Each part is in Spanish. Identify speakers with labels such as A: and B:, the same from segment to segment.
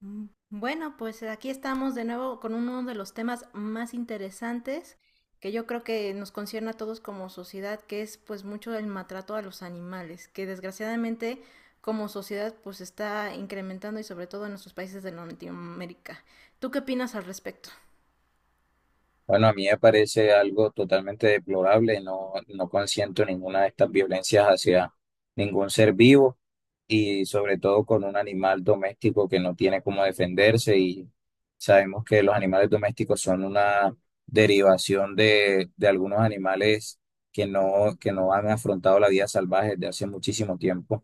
A: Mm, bueno, aquí estamos de nuevo con uno de los temas más interesantes que yo creo que nos concierne a todos como sociedad, que es pues mucho el maltrato a los animales, que desgraciadamente como sociedad pues está incrementando y sobre todo en nuestros países de Latinoamérica. ¿Tú qué opinas al respecto?
B: Bueno, a mí me parece algo totalmente deplorable, no, no consiento ninguna de estas violencias hacia ningún ser vivo y sobre todo con un animal doméstico que no tiene cómo defenderse y sabemos que los animales domésticos son una derivación de algunos animales que no han afrontado la vida salvaje desde hace muchísimo tiempo.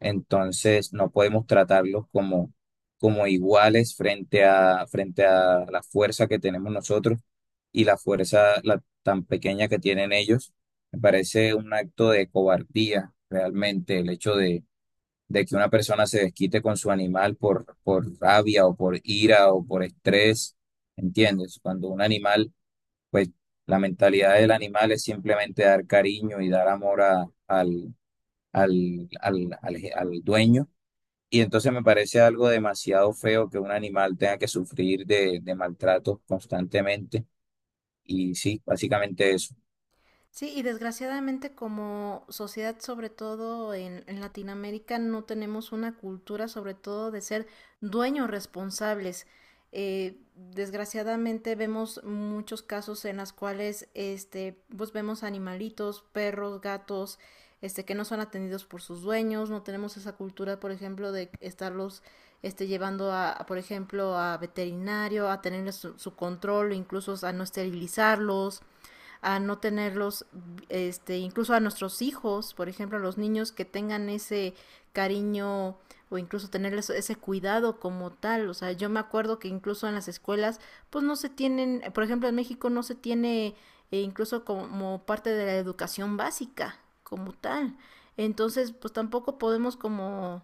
B: Entonces no podemos tratarlos como, como iguales frente a, frente a la fuerza que tenemos nosotros y la fuerza tan pequeña que tienen ellos. Me parece un acto de cobardía realmente el hecho de que una persona se desquite con su animal por rabia o por ira o por estrés, ¿entiendes? Cuando un animal, pues la mentalidad del animal es simplemente dar cariño y dar amor al, al, al, al dueño. Y entonces me parece algo demasiado feo que un animal tenga que sufrir de maltrato constantemente. Y sí, básicamente eso.
A: Sí, y desgraciadamente como sociedad, sobre todo en Latinoamérica, no tenemos una cultura, sobre todo de ser dueños responsables. Desgraciadamente vemos muchos casos en las cuales, este, pues vemos animalitos, perros, gatos, este, que no son atendidos por sus dueños. No tenemos esa cultura, por ejemplo, de estarlos, este, llevando por ejemplo, a veterinario, a tenerles su, su control, incluso a no esterilizarlos a no tenerlos, este, incluso a nuestros hijos, por ejemplo, a los niños que tengan ese cariño o incluso tenerles ese cuidado como tal. O sea, yo me acuerdo que incluso en las escuelas, pues no se tienen, por ejemplo, en México no se tiene e incluso como parte de la educación básica como tal. Entonces, pues tampoco podemos como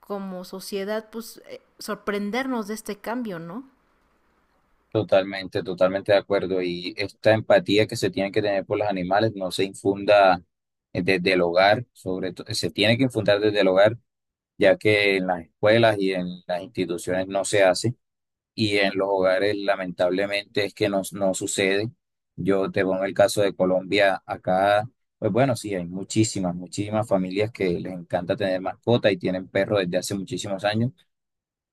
A: como sociedad sorprendernos de este cambio, ¿no?
B: Totalmente, totalmente de acuerdo. Y esta empatía que se tiene que tener por los animales no se infunda desde el hogar, sobre todo, se tiene que infundar desde el hogar, ya que en las escuelas y en las instituciones no se hace, y en los hogares lamentablemente es que no, no sucede. Yo te pongo el caso de Colombia, acá, pues bueno, sí, hay muchísimas, muchísimas familias que les encanta tener mascota y tienen perro desde hace muchísimos años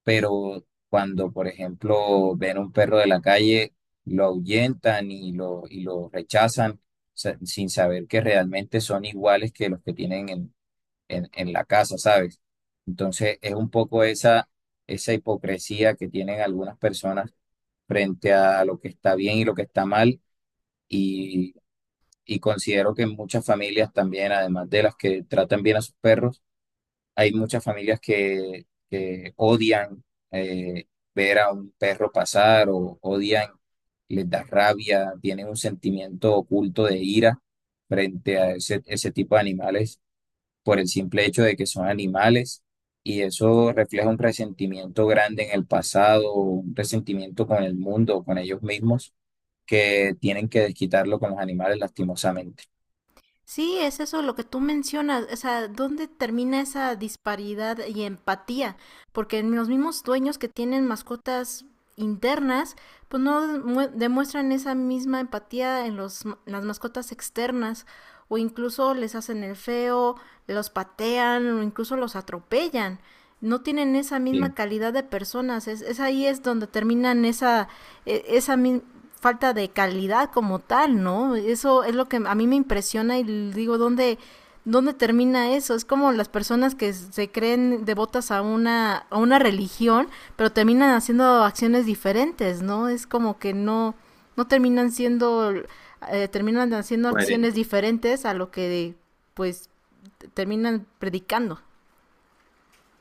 B: pero cuando, por ejemplo, ven un perro de la calle, lo ahuyentan y lo rechazan sin saber que realmente son iguales que los que tienen en la casa, ¿sabes? Entonces es un poco esa, esa hipocresía que tienen algunas personas frente a lo que está bien y lo que está mal y, y considero que en muchas familias también, además de las que tratan bien a sus perros, hay muchas familias que odian eh, ver a un perro pasar o odian, les da rabia, tienen un sentimiento oculto de ira frente a ese, ese tipo de animales por el simple hecho de que son animales y eso refleja un resentimiento grande en el pasado, un resentimiento con el mundo, con ellos mismos, que tienen que desquitarlo con los animales lastimosamente.
A: Sí, es eso lo que tú mencionas, o sea, ¿dónde termina esa disparidad y empatía? Porque en los mismos dueños que tienen mascotas internas, pues no demuestran esa misma empatía en los, las mascotas externas o incluso les hacen el feo, los patean o incluso los atropellan. No tienen esa misma
B: Sí.
A: calidad de personas, es ahí es donde terminan esa, e- esa, mi- falta de calidad como tal, ¿no? Eso es lo que a mí me impresiona y digo, ¿dónde termina eso? Es como las personas que se creen devotas a una religión, pero terminan haciendo acciones diferentes, ¿no? Es como que no, no terminan siendo, terminan haciendo
B: Bueno,
A: acciones diferentes a lo que, pues, terminan predicando.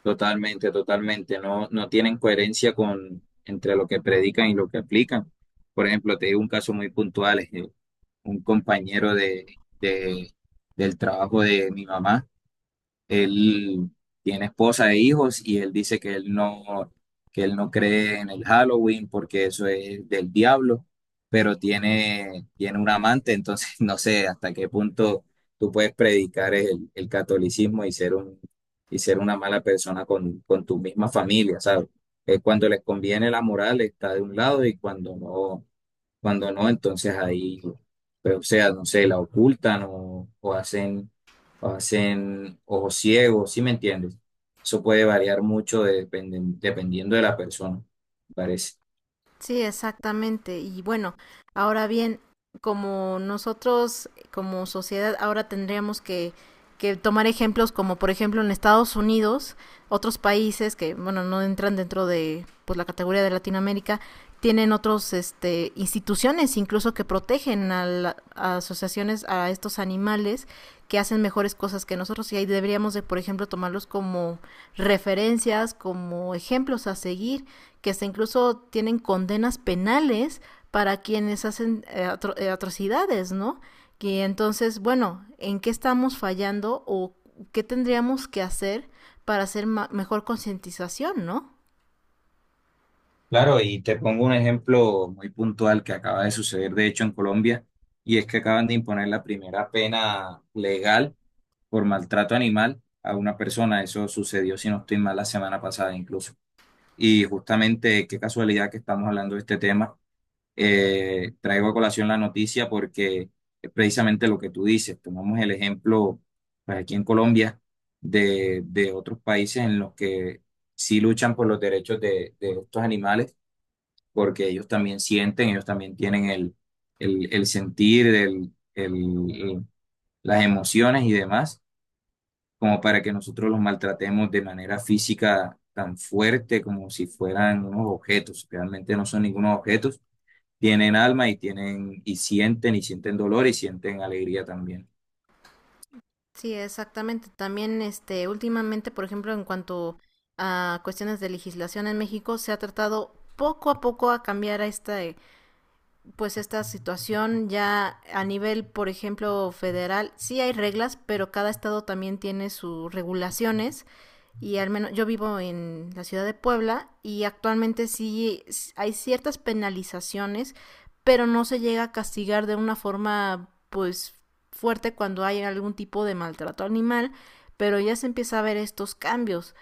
B: totalmente, totalmente. No, no tienen coherencia con entre lo que predican y lo que aplican. Por ejemplo, te digo un caso muy puntual, es que un compañero del trabajo de mi mamá. Él tiene esposa e hijos y él dice que él no cree en el Halloween porque eso es del diablo, pero tiene, tiene un amante, entonces no sé hasta qué punto tú puedes predicar el catolicismo y ser un, y ser una mala persona con tu misma familia, ¿sabes? Es cuando les conviene la moral está de un lado y cuando no, entonces ahí, pues, o sea, no sé, la ocultan o hacen ojos ciegos, ¿sí me entiendes? Eso puede variar mucho dependiendo de la persona, me parece.
A: Sí, exactamente. Y bueno, ahora bien, como nosotros, como sociedad, ahora que tomar ejemplos como, por ejemplo, en Estados Unidos, otros países que, bueno, no entran dentro de pues, la categoría de Latinoamérica, tienen otros este, instituciones incluso que protegen a asociaciones a estos animales que hacen mejores cosas que nosotros y ahí deberíamos de, por ejemplo, tomarlos como referencias, como ejemplos a seguir que hasta incluso tienen condenas penales para quienes hacen atrocidades, ¿no? Que entonces, bueno, ¿en qué estamos fallando o qué tendríamos que hacer para hacer mejor concientización, ¿no?
B: Claro, y te pongo un ejemplo muy puntual que acaba de suceder, de hecho, en Colombia, y es que acaban de imponer la primera pena legal por maltrato animal a una persona. Eso sucedió, si no estoy mal, la semana pasada incluso. Y justamente, qué casualidad que estamos hablando de este tema traigo a colación la noticia porque es precisamente lo que tú dices. Tomamos el ejemplo pues, aquí en Colombia de otros países en los que sí luchan por los derechos de estos animales, porque ellos también sienten, ellos también tienen el sentir, las emociones y demás, como para que nosotros los maltratemos de manera física tan fuerte como si fueran unos objetos. Realmente no son ningunos objetos tienen alma y tienen, y sienten dolor y sienten alegría también.
A: Sí, exactamente. También, este, últimamente, por ejemplo, en cuanto a cuestiones de legislación en México, se ha tratado poco a poco a cambiar a este pues esta situación ya a nivel, por ejemplo, federal, sí hay reglas, pero cada estado también tiene sus regulaciones y al menos yo vivo en la ciudad de Puebla y actualmente sí hay ciertas penalizaciones, pero no se llega a castigar de una forma pues fuerte cuando hay algún tipo de maltrato animal, pero ya se empieza a ver estos cambios.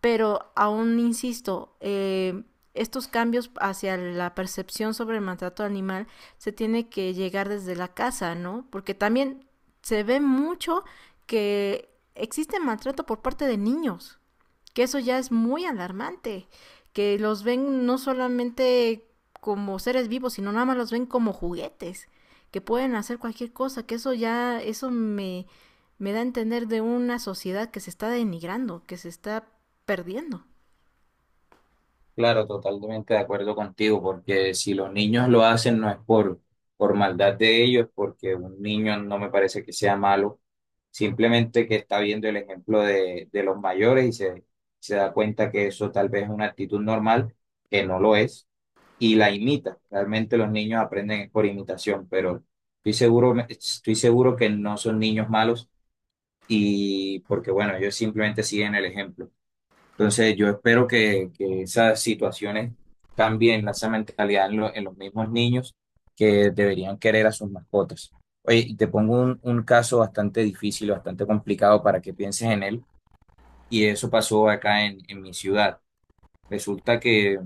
A: Pero aún insisto, estos cambios hacia la percepción sobre el maltrato animal se tiene que llegar desde la casa, ¿no? Porque también se ve mucho que existe maltrato por parte de niños que eso ya es muy alarmante, que los ven no solamente como seres vivos, sino nada más los ven como juguetes, que pueden hacer cualquier cosa, eso me, me da a entender de una sociedad que se está denigrando, que se está perdiendo.
B: Claro, totalmente de acuerdo contigo, porque si los niños lo hacen no es por maldad de ellos, porque un niño no me parece que sea malo, simplemente que está viendo el ejemplo de los mayores y se da cuenta que eso tal vez es una actitud normal, que no lo es, y la imita. Realmente los niños aprenden por imitación, pero estoy seguro que no son niños malos, y porque bueno, ellos simplemente siguen el ejemplo. Entonces yo espero que esas situaciones cambien esa mentalidad en, en los mismos niños que deberían querer a sus mascotas. Oye, y te pongo un caso bastante difícil, bastante complicado para que pienses en él y eso pasó acá en mi ciudad. Resulta que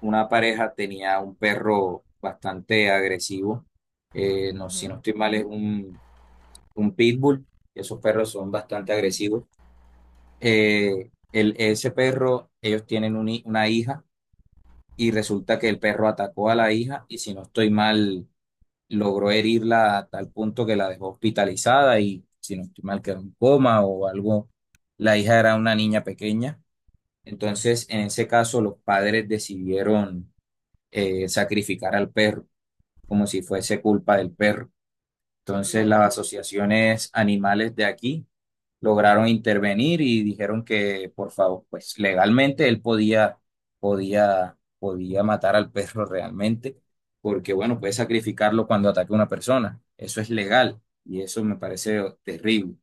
B: una pareja tenía un perro bastante agresivo, no, si
A: Ujú.
B: no estoy mal es un pitbull, esos perros son bastante agresivos el, ese perro, ellos tienen un una hija y resulta que el perro atacó a
A: Sí,
B: la hija y si no estoy mal, logró herirla a tal punto que la dejó hospitalizada y si no estoy mal quedó en coma o algo. La hija era una niña pequeña. Entonces, en ese caso, los padres decidieron sacrificar al perro como si fuese culpa del perro.
A: sí,
B: Entonces,
A: claro.
B: las asociaciones animales de aquí lograron intervenir y dijeron que, por favor, pues legalmente él podía, podía, podía matar al perro realmente, porque bueno, puede sacrificarlo cuando ataque a una persona. Eso es legal y eso me parece terrible.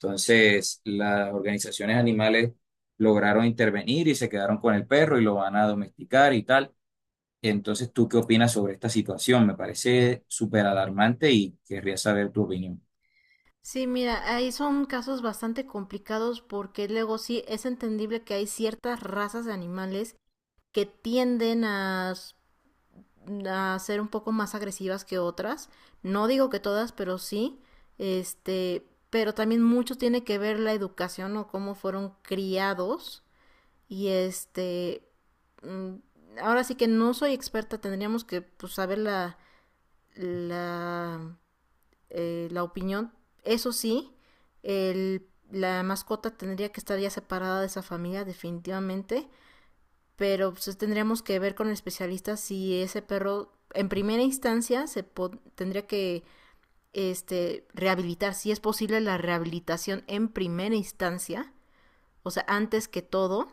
B: Entonces, las organizaciones animales lograron intervenir y se quedaron con el perro y lo van a domesticar y tal. Entonces, ¿tú qué opinas sobre esta situación? Me parece súper alarmante y querría saber tu opinión
A: Sí, mira, ahí son casos bastante complicados porque luego sí es entendible que hay ciertas razas de animales que tienden a ser un poco más agresivas que otras. No digo que todas, pero sí. Este, pero también mucho tiene que ver la educación o cómo fueron criados. Y este, mm, ahora sí que no soy experta, tendríamos que pues, saber la, la opinión. Eso sí, el, la mascota tendría que estar ya separada de esa familia definitivamente pero pues, tendríamos que ver con el especialista si ese perro en primera instancia tendría que este, rehabilitar, si es posible la rehabilitación en primera instancia, o sea, antes que todo,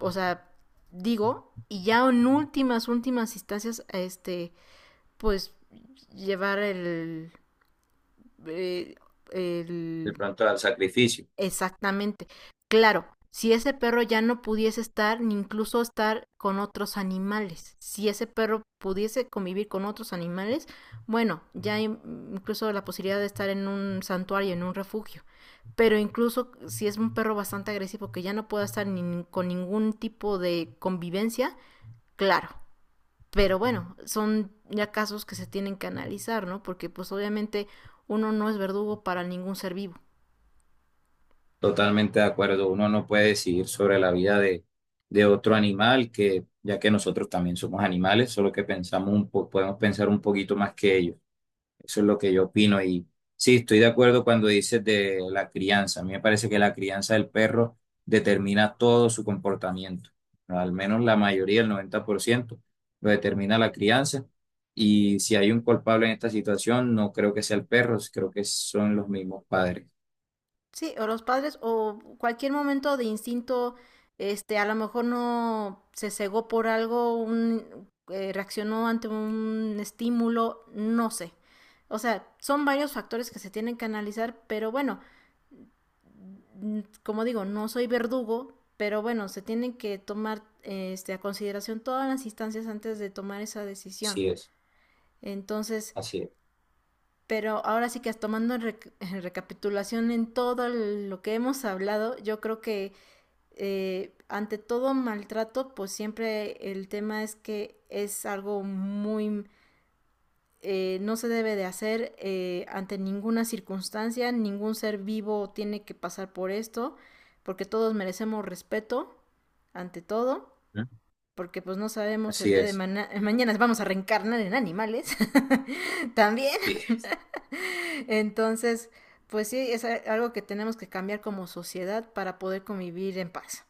A: o sea, digo, y ya en últimas, últimas instancias, este, pues llevar el,
B: de
A: el
B: pronto al sacrificio.
A: Exactamente. Claro, si ese perro ya no pudiese estar, ni incluso estar con otros animales, si ese perro pudiese convivir con otros animales, bueno, ya hay incluso la posibilidad de estar en un santuario, en un refugio. Pero incluso si es un perro bastante agresivo que ya no pueda estar ni con ningún tipo de convivencia, claro. Pero bueno, son ya casos que se tienen que analizar, ¿no? Porque pues obviamente uno no es verdugo para ningún ser vivo.
B: Totalmente de acuerdo. Uno no puede decidir sobre la vida de otro animal, que ya que nosotros también somos animales, solo que pensamos un podemos pensar un poquito más que ellos. Eso es lo que yo opino. Y sí, estoy de acuerdo cuando dices de la crianza. A mí me parece que la crianza del perro determina todo su comportamiento. Al menos la mayoría, el 90% lo determina la crianza. Y si hay un culpable en esta situación, no creo que sea el perro, creo que son los mismos padres.
A: Sí, o los padres, o cualquier momento de instinto, este, a lo mejor no se cegó por algo, reaccionó ante un estímulo, no sé. O sea, son varios factores que se tienen que analizar, pero bueno, como digo, no soy verdugo, pero bueno, se tienen que tomar este, a consideración todas las instancias antes de tomar esa decisión.
B: Así es,
A: Entonces,
B: así es.
A: pero ahora sí que tomando en recapitulación en lo que hemos hablado, yo creo que ante todo maltrato, pues siempre el tema es que es algo muy... No se debe de hacer ante ninguna circunstancia, ningún ser vivo tiene que pasar por esto, porque todos merecemos respeto, ante todo, porque pues no sabemos el
B: Así
A: día de
B: es,
A: ma mañana vamos a reencarnar en animales también.
B: sí,
A: Entonces, pues sí, es algo que tenemos que cambiar como sociedad para poder convivir en paz.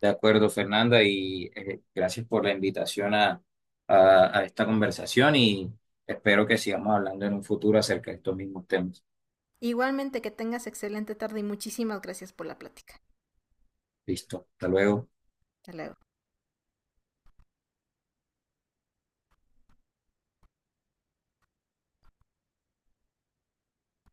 B: de acuerdo, Fernanda, y gracias por la invitación a, a esta conversación y espero que sigamos hablando en un futuro acerca de estos mismos temas.
A: Igualmente que tengas excelente tarde y muchísimas gracias por la plática.
B: Listo, hasta luego.
A: Hasta luego.